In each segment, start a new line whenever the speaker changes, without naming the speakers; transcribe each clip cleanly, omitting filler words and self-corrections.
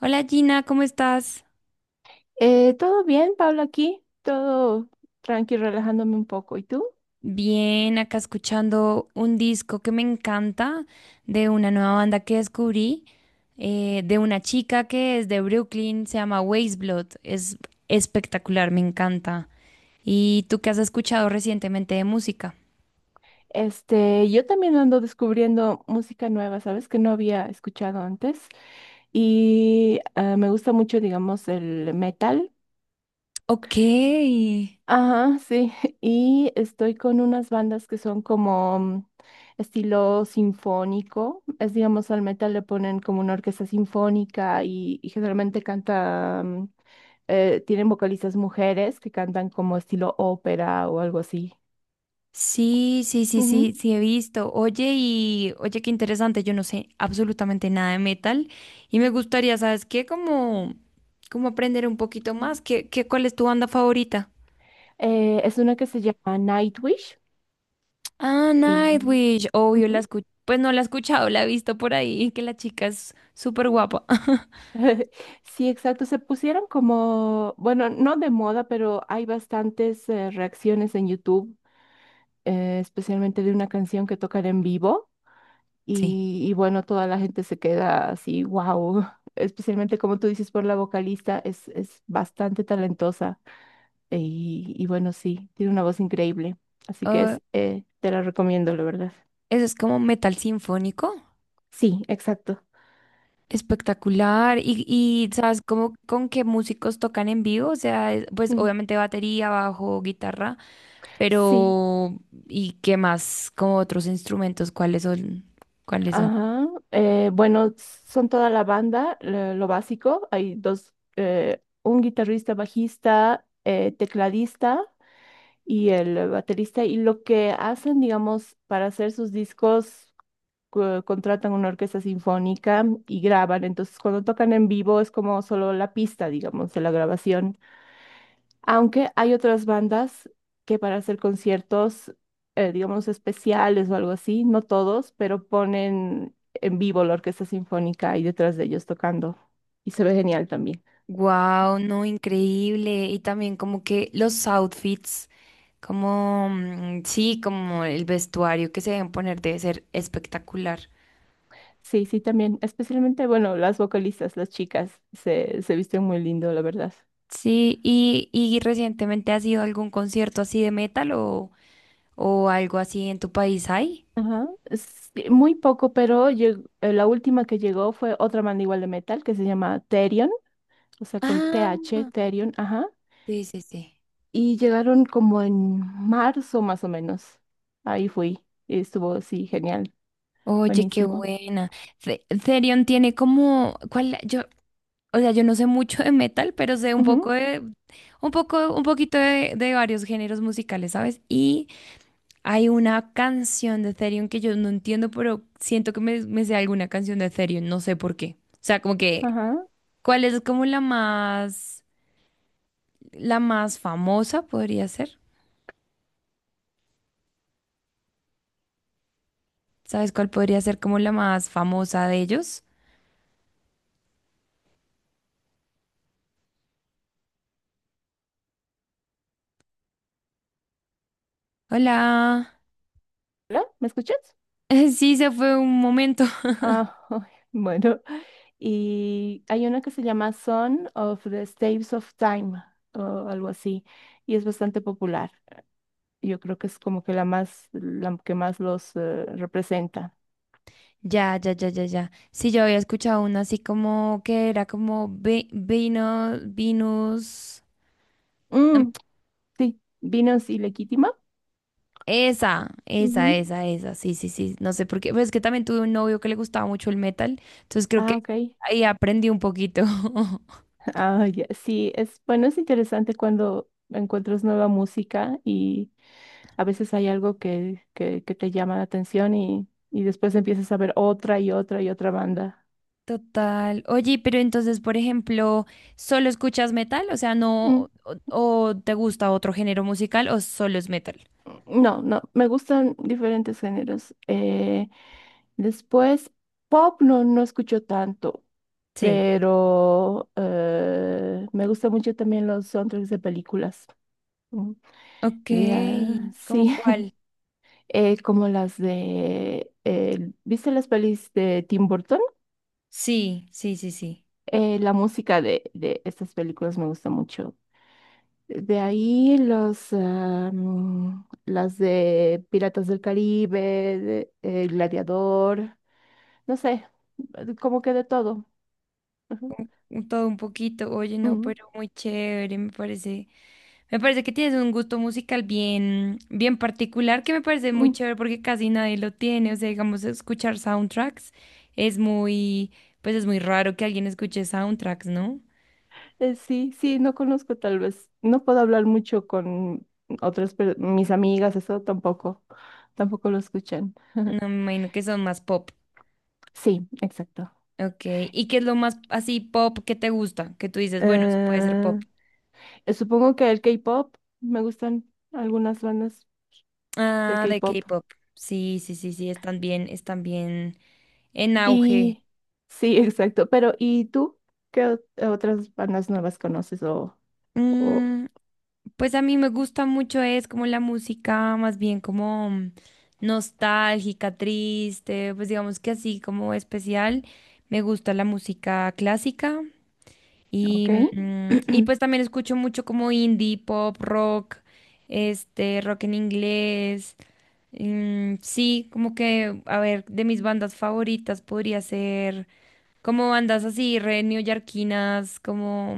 Hola Gina, ¿cómo estás?
Todo bien, Pablo, aquí, todo tranqui, relajándome un poco. ¿Y tú?
Bien, acá escuchando un disco que me encanta de una nueva banda que descubrí, de una chica que es de Brooklyn, se llama Blood. Es espectacular, me encanta. ¿Y tú qué has escuchado recientemente de música?
Este, yo también ando descubriendo música nueva, ¿sabes? Que no había escuchado antes. Y me gusta mucho, digamos, el metal.
Ok.
Ajá, sí, y estoy con unas bandas que son como estilo sinfónico, es digamos al metal le ponen como una orquesta sinfónica y generalmente canta, tienen vocalistas mujeres que cantan como estilo ópera o algo así.
Sí, sí, sí, sí,
Ujú.
sí he visto. Oye, y oye, qué interesante, yo no sé absolutamente nada de metal y me gustaría, ¿sabes qué? Como aprender un poquito más. ¿Cuál es tu banda favorita?
Es una que se llama Nightwish
Ah,
y...
Nightwish, obvio, la
ujú.
escucho. Pues no la he escuchado, la he visto por ahí, que la chica es súper guapa.
Sí, exacto. Se pusieron como, bueno, no de moda, pero hay bastantes reacciones en YouTube especialmente de una canción que tocan en vivo
Sí.
y bueno, toda la gente se queda así, wow, especialmente como tú dices por la vocalista, es bastante talentosa y bueno, sí, tiene una voz increíble, así que
Ah,
es, te la recomiendo, la verdad.
eso es como metal sinfónico,
Sí, exacto.
espectacular. Y ¿sabes cómo, con qué músicos tocan en vivo? O sea, pues
Mm.
obviamente batería, bajo, guitarra.
Sí.
Pero, ¿y qué más? Como otros instrumentos, ¿cuáles son? ¿Cuáles son?
Ajá. Bueno, son toda la banda, lo básico. Hay dos, un guitarrista, bajista, tecladista y el baterista. Y lo que hacen, digamos, para hacer sus discos, contratan una orquesta sinfónica y graban. Entonces, cuando tocan en vivo es como solo la pista, digamos, de la grabación. Aunque hay otras bandas que para hacer conciertos, digamos, especiales o algo así, no todos, pero ponen en vivo la orquesta sinfónica ahí detrás de ellos tocando. Y se ve genial también.
Wow, no, increíble. Y también como que los outfits, como, sí, como el vestuario que se deben poner debe ser espectacular.
Sí, sí, también. Especialmente, bueno, las vocalistas, las chicas, se visten muy lindo, la verdad.
Sí, y recientemente has ido a algún concierto así de metal o algo así en tu país hay?
Ajá. Sí, muy poco, pero la última que llegó fue otra banda igual de metal que se llama Therion, o sea, con T
Ah,
H Therion, ajá.
sí, sí, sí.
Y llegaron como en marzo más o menos. Ahí fui. Y estuvo, sí, genial.
Oye, qué
Buenísimo.
buena. Therion tiene como, ¿cuál? Yo O sea, yo no sé mucho de metal, pero sé un poco
Ujú,
de, un poco, un poquito de varios géneros musicales, ¿sabes? Y hay una canción de Ethereum que yo no entiendo, pero siento que me sé alguna canción de Ethereum, no sé por qué. O sea, como que,
ajá.
¿cuál es como la más famosa podría ser? ¿Sabes cuál podría ser como la más famosa de ellos? Hola.
¿Hola? ¿Me escuchas?
Sí, se fue un momento.
Ah, bueno. Y hay una que se llama Son of the Staves of Time o algo así, y es bastante popular. Yo creo que es como que la más, la que más los representa.
Ya, ya, ya, ya, ya. Sí, yo había escuchado uno así como que era como vino, Venus. em,
Mm, sí, Vinos y Legítima.
Esa, esa,
Ujú.
esa, esa. Sí, sí, sí. No sé por qué. Pues es que también tuve un novio que le gustaba mucho el metal. Entonces creo que
Ah, ok.
ahí aprendí un poquito.
Ah, ya. Sí, es bueno, es interesante cuando encuentras nueva música y a veces hay algo que te llama la atención y después empiezas a ver otra y otra y otra banda.
Total. Oye, pero entonces, por ejemplo, ¿solo escuchas metal? ¿O sea, no, o te gusta otro género musical o solo es metal?
No, no, me gustan diferentes géneros. Después, pop no, no escucho tanto,
Sí.
pero me gustan mucho también los soundtracks de películas. Mm,
Ok,
sí,
¿cómo cuál?
como las de, ¿viste las pelis de Tim Burton?
Sí, sí, sí, sí.
La música de estas películas me gusta mucho. De ahí los, las de Piratas del Caribe, Gladiador, no sé, como que de todo. Ajá.
Todo un poquito. Oye, no,
Mm,
pero muy chévere, me parece. Me parece que tienes un gusto musical bien, bien particular, que me parece muy
mm.
chévere porque casi nadie lo tiene. O sea, digamos, escuchar soundtracks es muy, pues es muy raro que alguien escuche soundtracks, ¿no?
Sí, sí, no conozco tal vez, no puedo hablar mucho con otras, mis amigas, eso tampoco, tampoco lo escuchan.
No, me imagino que son más pop.
Sí, exacto.
Ok. ¿Y qué es lo más así pop que te gusta? Que tú dices, bueno, eso puede ser
Eh,
pop.
supongo que el K-pop, me gustan algunas bandas de
Ah, de
K-pop.
K-pop. Sí, sí, sí, sí, están bien en auge.
Y sí, exacto. Pero ¿y tú qué otras bandas nuevas conoces o
Mm, Pues a mí me gusta mucho es como la música más bien como nostálgica, triste, pues digamos que así como especial. Me gusta la música clásica
ok?
y pues también escucho mucho como indie, pop, rock, rock en inglés. Mm, sí, como que, a ver, de mis bandas favoritas podría ser como bandas así, re neoyorquinas, como...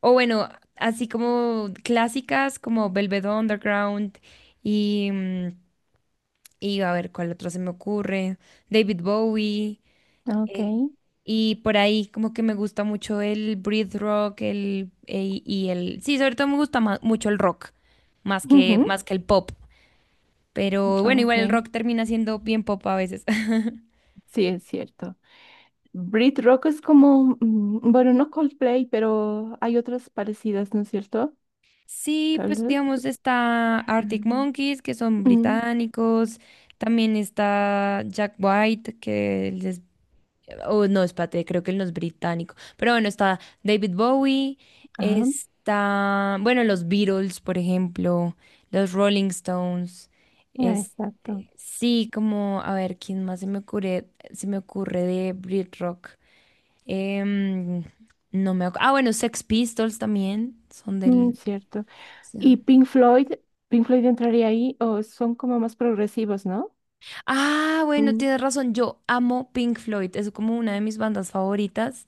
O bueno, así como clásicas, como Velvet Underground y... Y a ver, ¿cuál otro se me ocurre? David Bowie.
Ok.
eh, y por ahí como que me gusta mucho el breath rock, el... Y el... Sí, sobre todo me gusta mucho el rock, más que,
Ujú.
más que el pop. Pero bueno,
Ok.
igual el rock termina siendo bien pop a veces.
Sí, es cierto. Brit Rock es como, bueno, no Coldplay, pero hay otras parecidas, ¿no es cierto?
Sí,
Tal
pues
vez.
digamos está Arctic
Mm,
Monkeys, que son
mm,
británicos, también está Jack White, que él es, oh, no, espérate, creo que él no es británico, pero bueno, está David Bowie,
ah,
está, bueno, los Beatles, por ejemplo, los Rolling Stones,
ah,
es,
exacto.
sí, como, a ver, ¿quién más se me ocurre de Brit Rock? Em, no me acu- Ah, bueno, Sex Pistols también, son
Mm,
del...
cierto. ¿Y Pink Floyd? ¿Pink Floyd entraría ahí o son como más progresivos, ¿no?
Ah, bueno,
Mm,
tienes razón. Yo amo Pink Floyd. Es como una de mis bandas favoritas.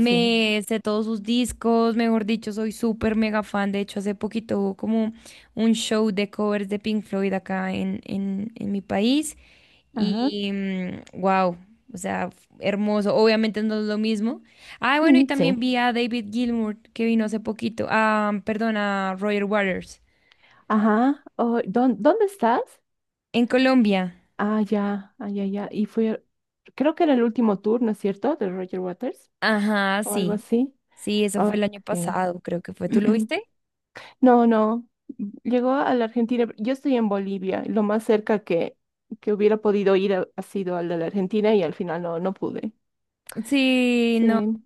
sí.
sé todos sus discos, mejor dicho, soy súper mega fan. De hecho, hace poquito hubo como un show de covers de Pink Floyd acá en mi país.
Ajá.
Y wow, o sea, hermoso. Obviamente no es lo mismo. Ah, bueno, y
Mm,
también
sí.
vi a David Gilmour que vino hace poquito. Ah, perdón, a Roger Waters
Ajá, oh, ¿dónde estás?
en Colombia.
Ah, ya, ah, ya, ya. Y fue, creo que era el último tour, ¿no es cierto? De Roger Waters
Ajá,
o algo
sí.
así.
Sí, eso fue el
Ay,
año
sí.
pasado, creo que fue. ¿Tú lo viste?
No, no. Llegó a la Argentina. Yo estoy en Bolivia. Y lo más cerca que hubiera podido ir ha sido al de la Argentina y al final no, no pude.
Sí, no.
Sí.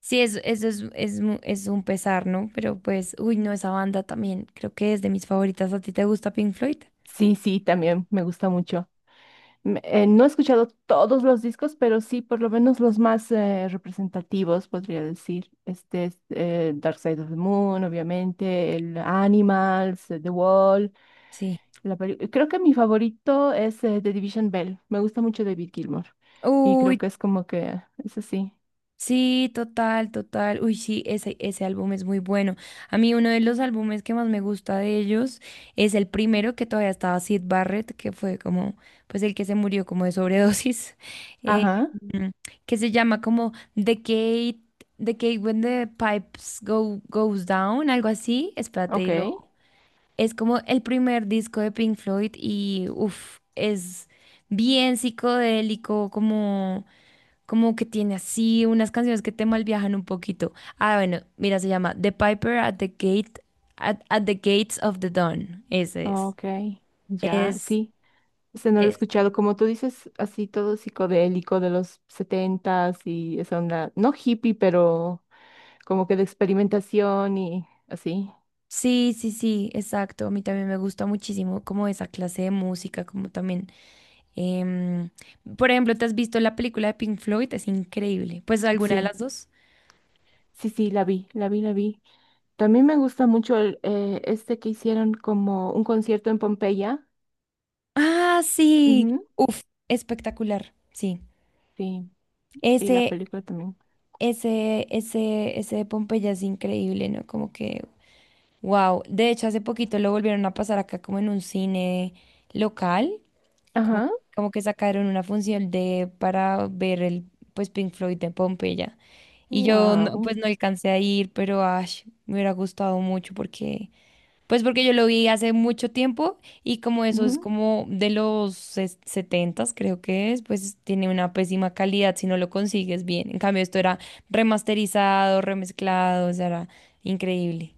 Sí, eso es un pesar, ¿no? Pero pues, uy, no, esa banda también creo que es de mis favoritas. ¿A ti te gusta Pink Floyd?
Sí, sí, también me gusta mucho. No he escuchado todos los discos, pero sí por lo menos los más representativos, podría decir. Este es Dark Side of the Moon, obviamente, el Animals, The Wall.
Sí.
Creo que mi favorito es The Division Bell. Me gusta mucho David Gilmour. Y creo
Uy,
que es como que, es así.
sí, total, total. Uy, sí, ese álbum es muy bueno. A mí uno de los álbumes que más me gusta de ellos es el primero que todavía estaba Sid Barrett, que fue como, pues el que se murió como de sobredosis, eh,
Ajá,
mm, que se llama como The Gate, The Decade When the Pipes Goes Down, algo así. Espérate,
ok,
es como el primer disco de Pink Floyd y, uff, es bien psicodélico, como... Como que tiene así unas canciones que te malviajan un poquito. Ah, bueno, mira, se llama The Piper at the Gate, at the Gates of the Dawn. Ese es.
ok, ya,
Es,
sí. Este no lo he
es.
escuchado, como tú dices, así todo psicodélico de los setentas y esa onda, no hippie, pero como que de experimentación y así.
Sí, sí, sí, exacto. A mí también me gusta muchísimo como esa clase de música, como también. em, por ejemplo, ¿te has visto la película de Pink Floyd? Es increíble. Pues alguna de
Sí,
las dos.
sí, sí, la vi, la vi, la vi. También me gusta mucho el, este que hicieron como un concierto en Pompeya.
Ah, sí.
Ujú.
Uf, espectacular. Sí.
Sí, y la
Ese,
película también.
ese de Pompeya es increíble, ¿no? Como que, wow, de hecho hace poquito lo volvieron a pasar acá como en un cine local,
Ajá,
como que sacaron una función de para ver el pues Pink Floyd de Pompeya. Y yo no-
wow.
pues no alcancé a ir, pero ash, me hubiera gustado mucho porque yo lo vi hace mucho tiempo y como eso es como de los 70 creo que es, pues tiene una pésima calidad si no lo consigues bien. En cambio esto era remasterizado, remezclado, o sea, era increíble.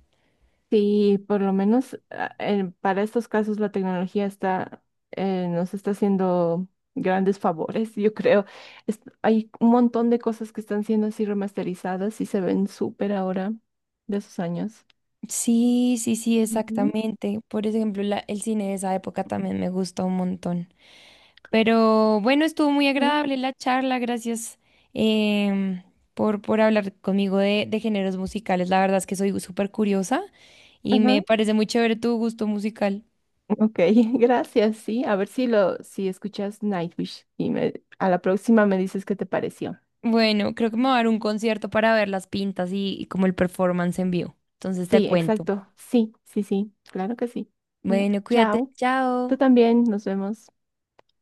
Sí, por lo menos para estos casos la tecnología está, nos está haciendo grandes favores, yo creo. Hay un montón de cosas que están siendo así remasterizadas y se ven súper ahora de esos años.
Sí, sí, sí,
Ujú,
exactamente. Por ejemplo, el cine de esa época también me gustó un montón. Pero bueno, estuvo muy
ujú,
agradable la charla. Gracias em, por hablar conmigo de géneros musicales. La verdad es que soy súper curiosa y
ajá.
me parece muy chévere tu gusto musical.
Ok, gracias, sí. A ver si lo, si escuchas Nightwish y me, a la próxima me dices qué te pareció.
Bueno, creo que me va a dar un concierto para ver las pintas y como el performance en vivo. Entonces te
Sí,
cuento.
exacto. Sí, sí, sí. Claro que sí. No,
Bueno, cuídate.
chao. Tú
Chao.
también, nos vemos.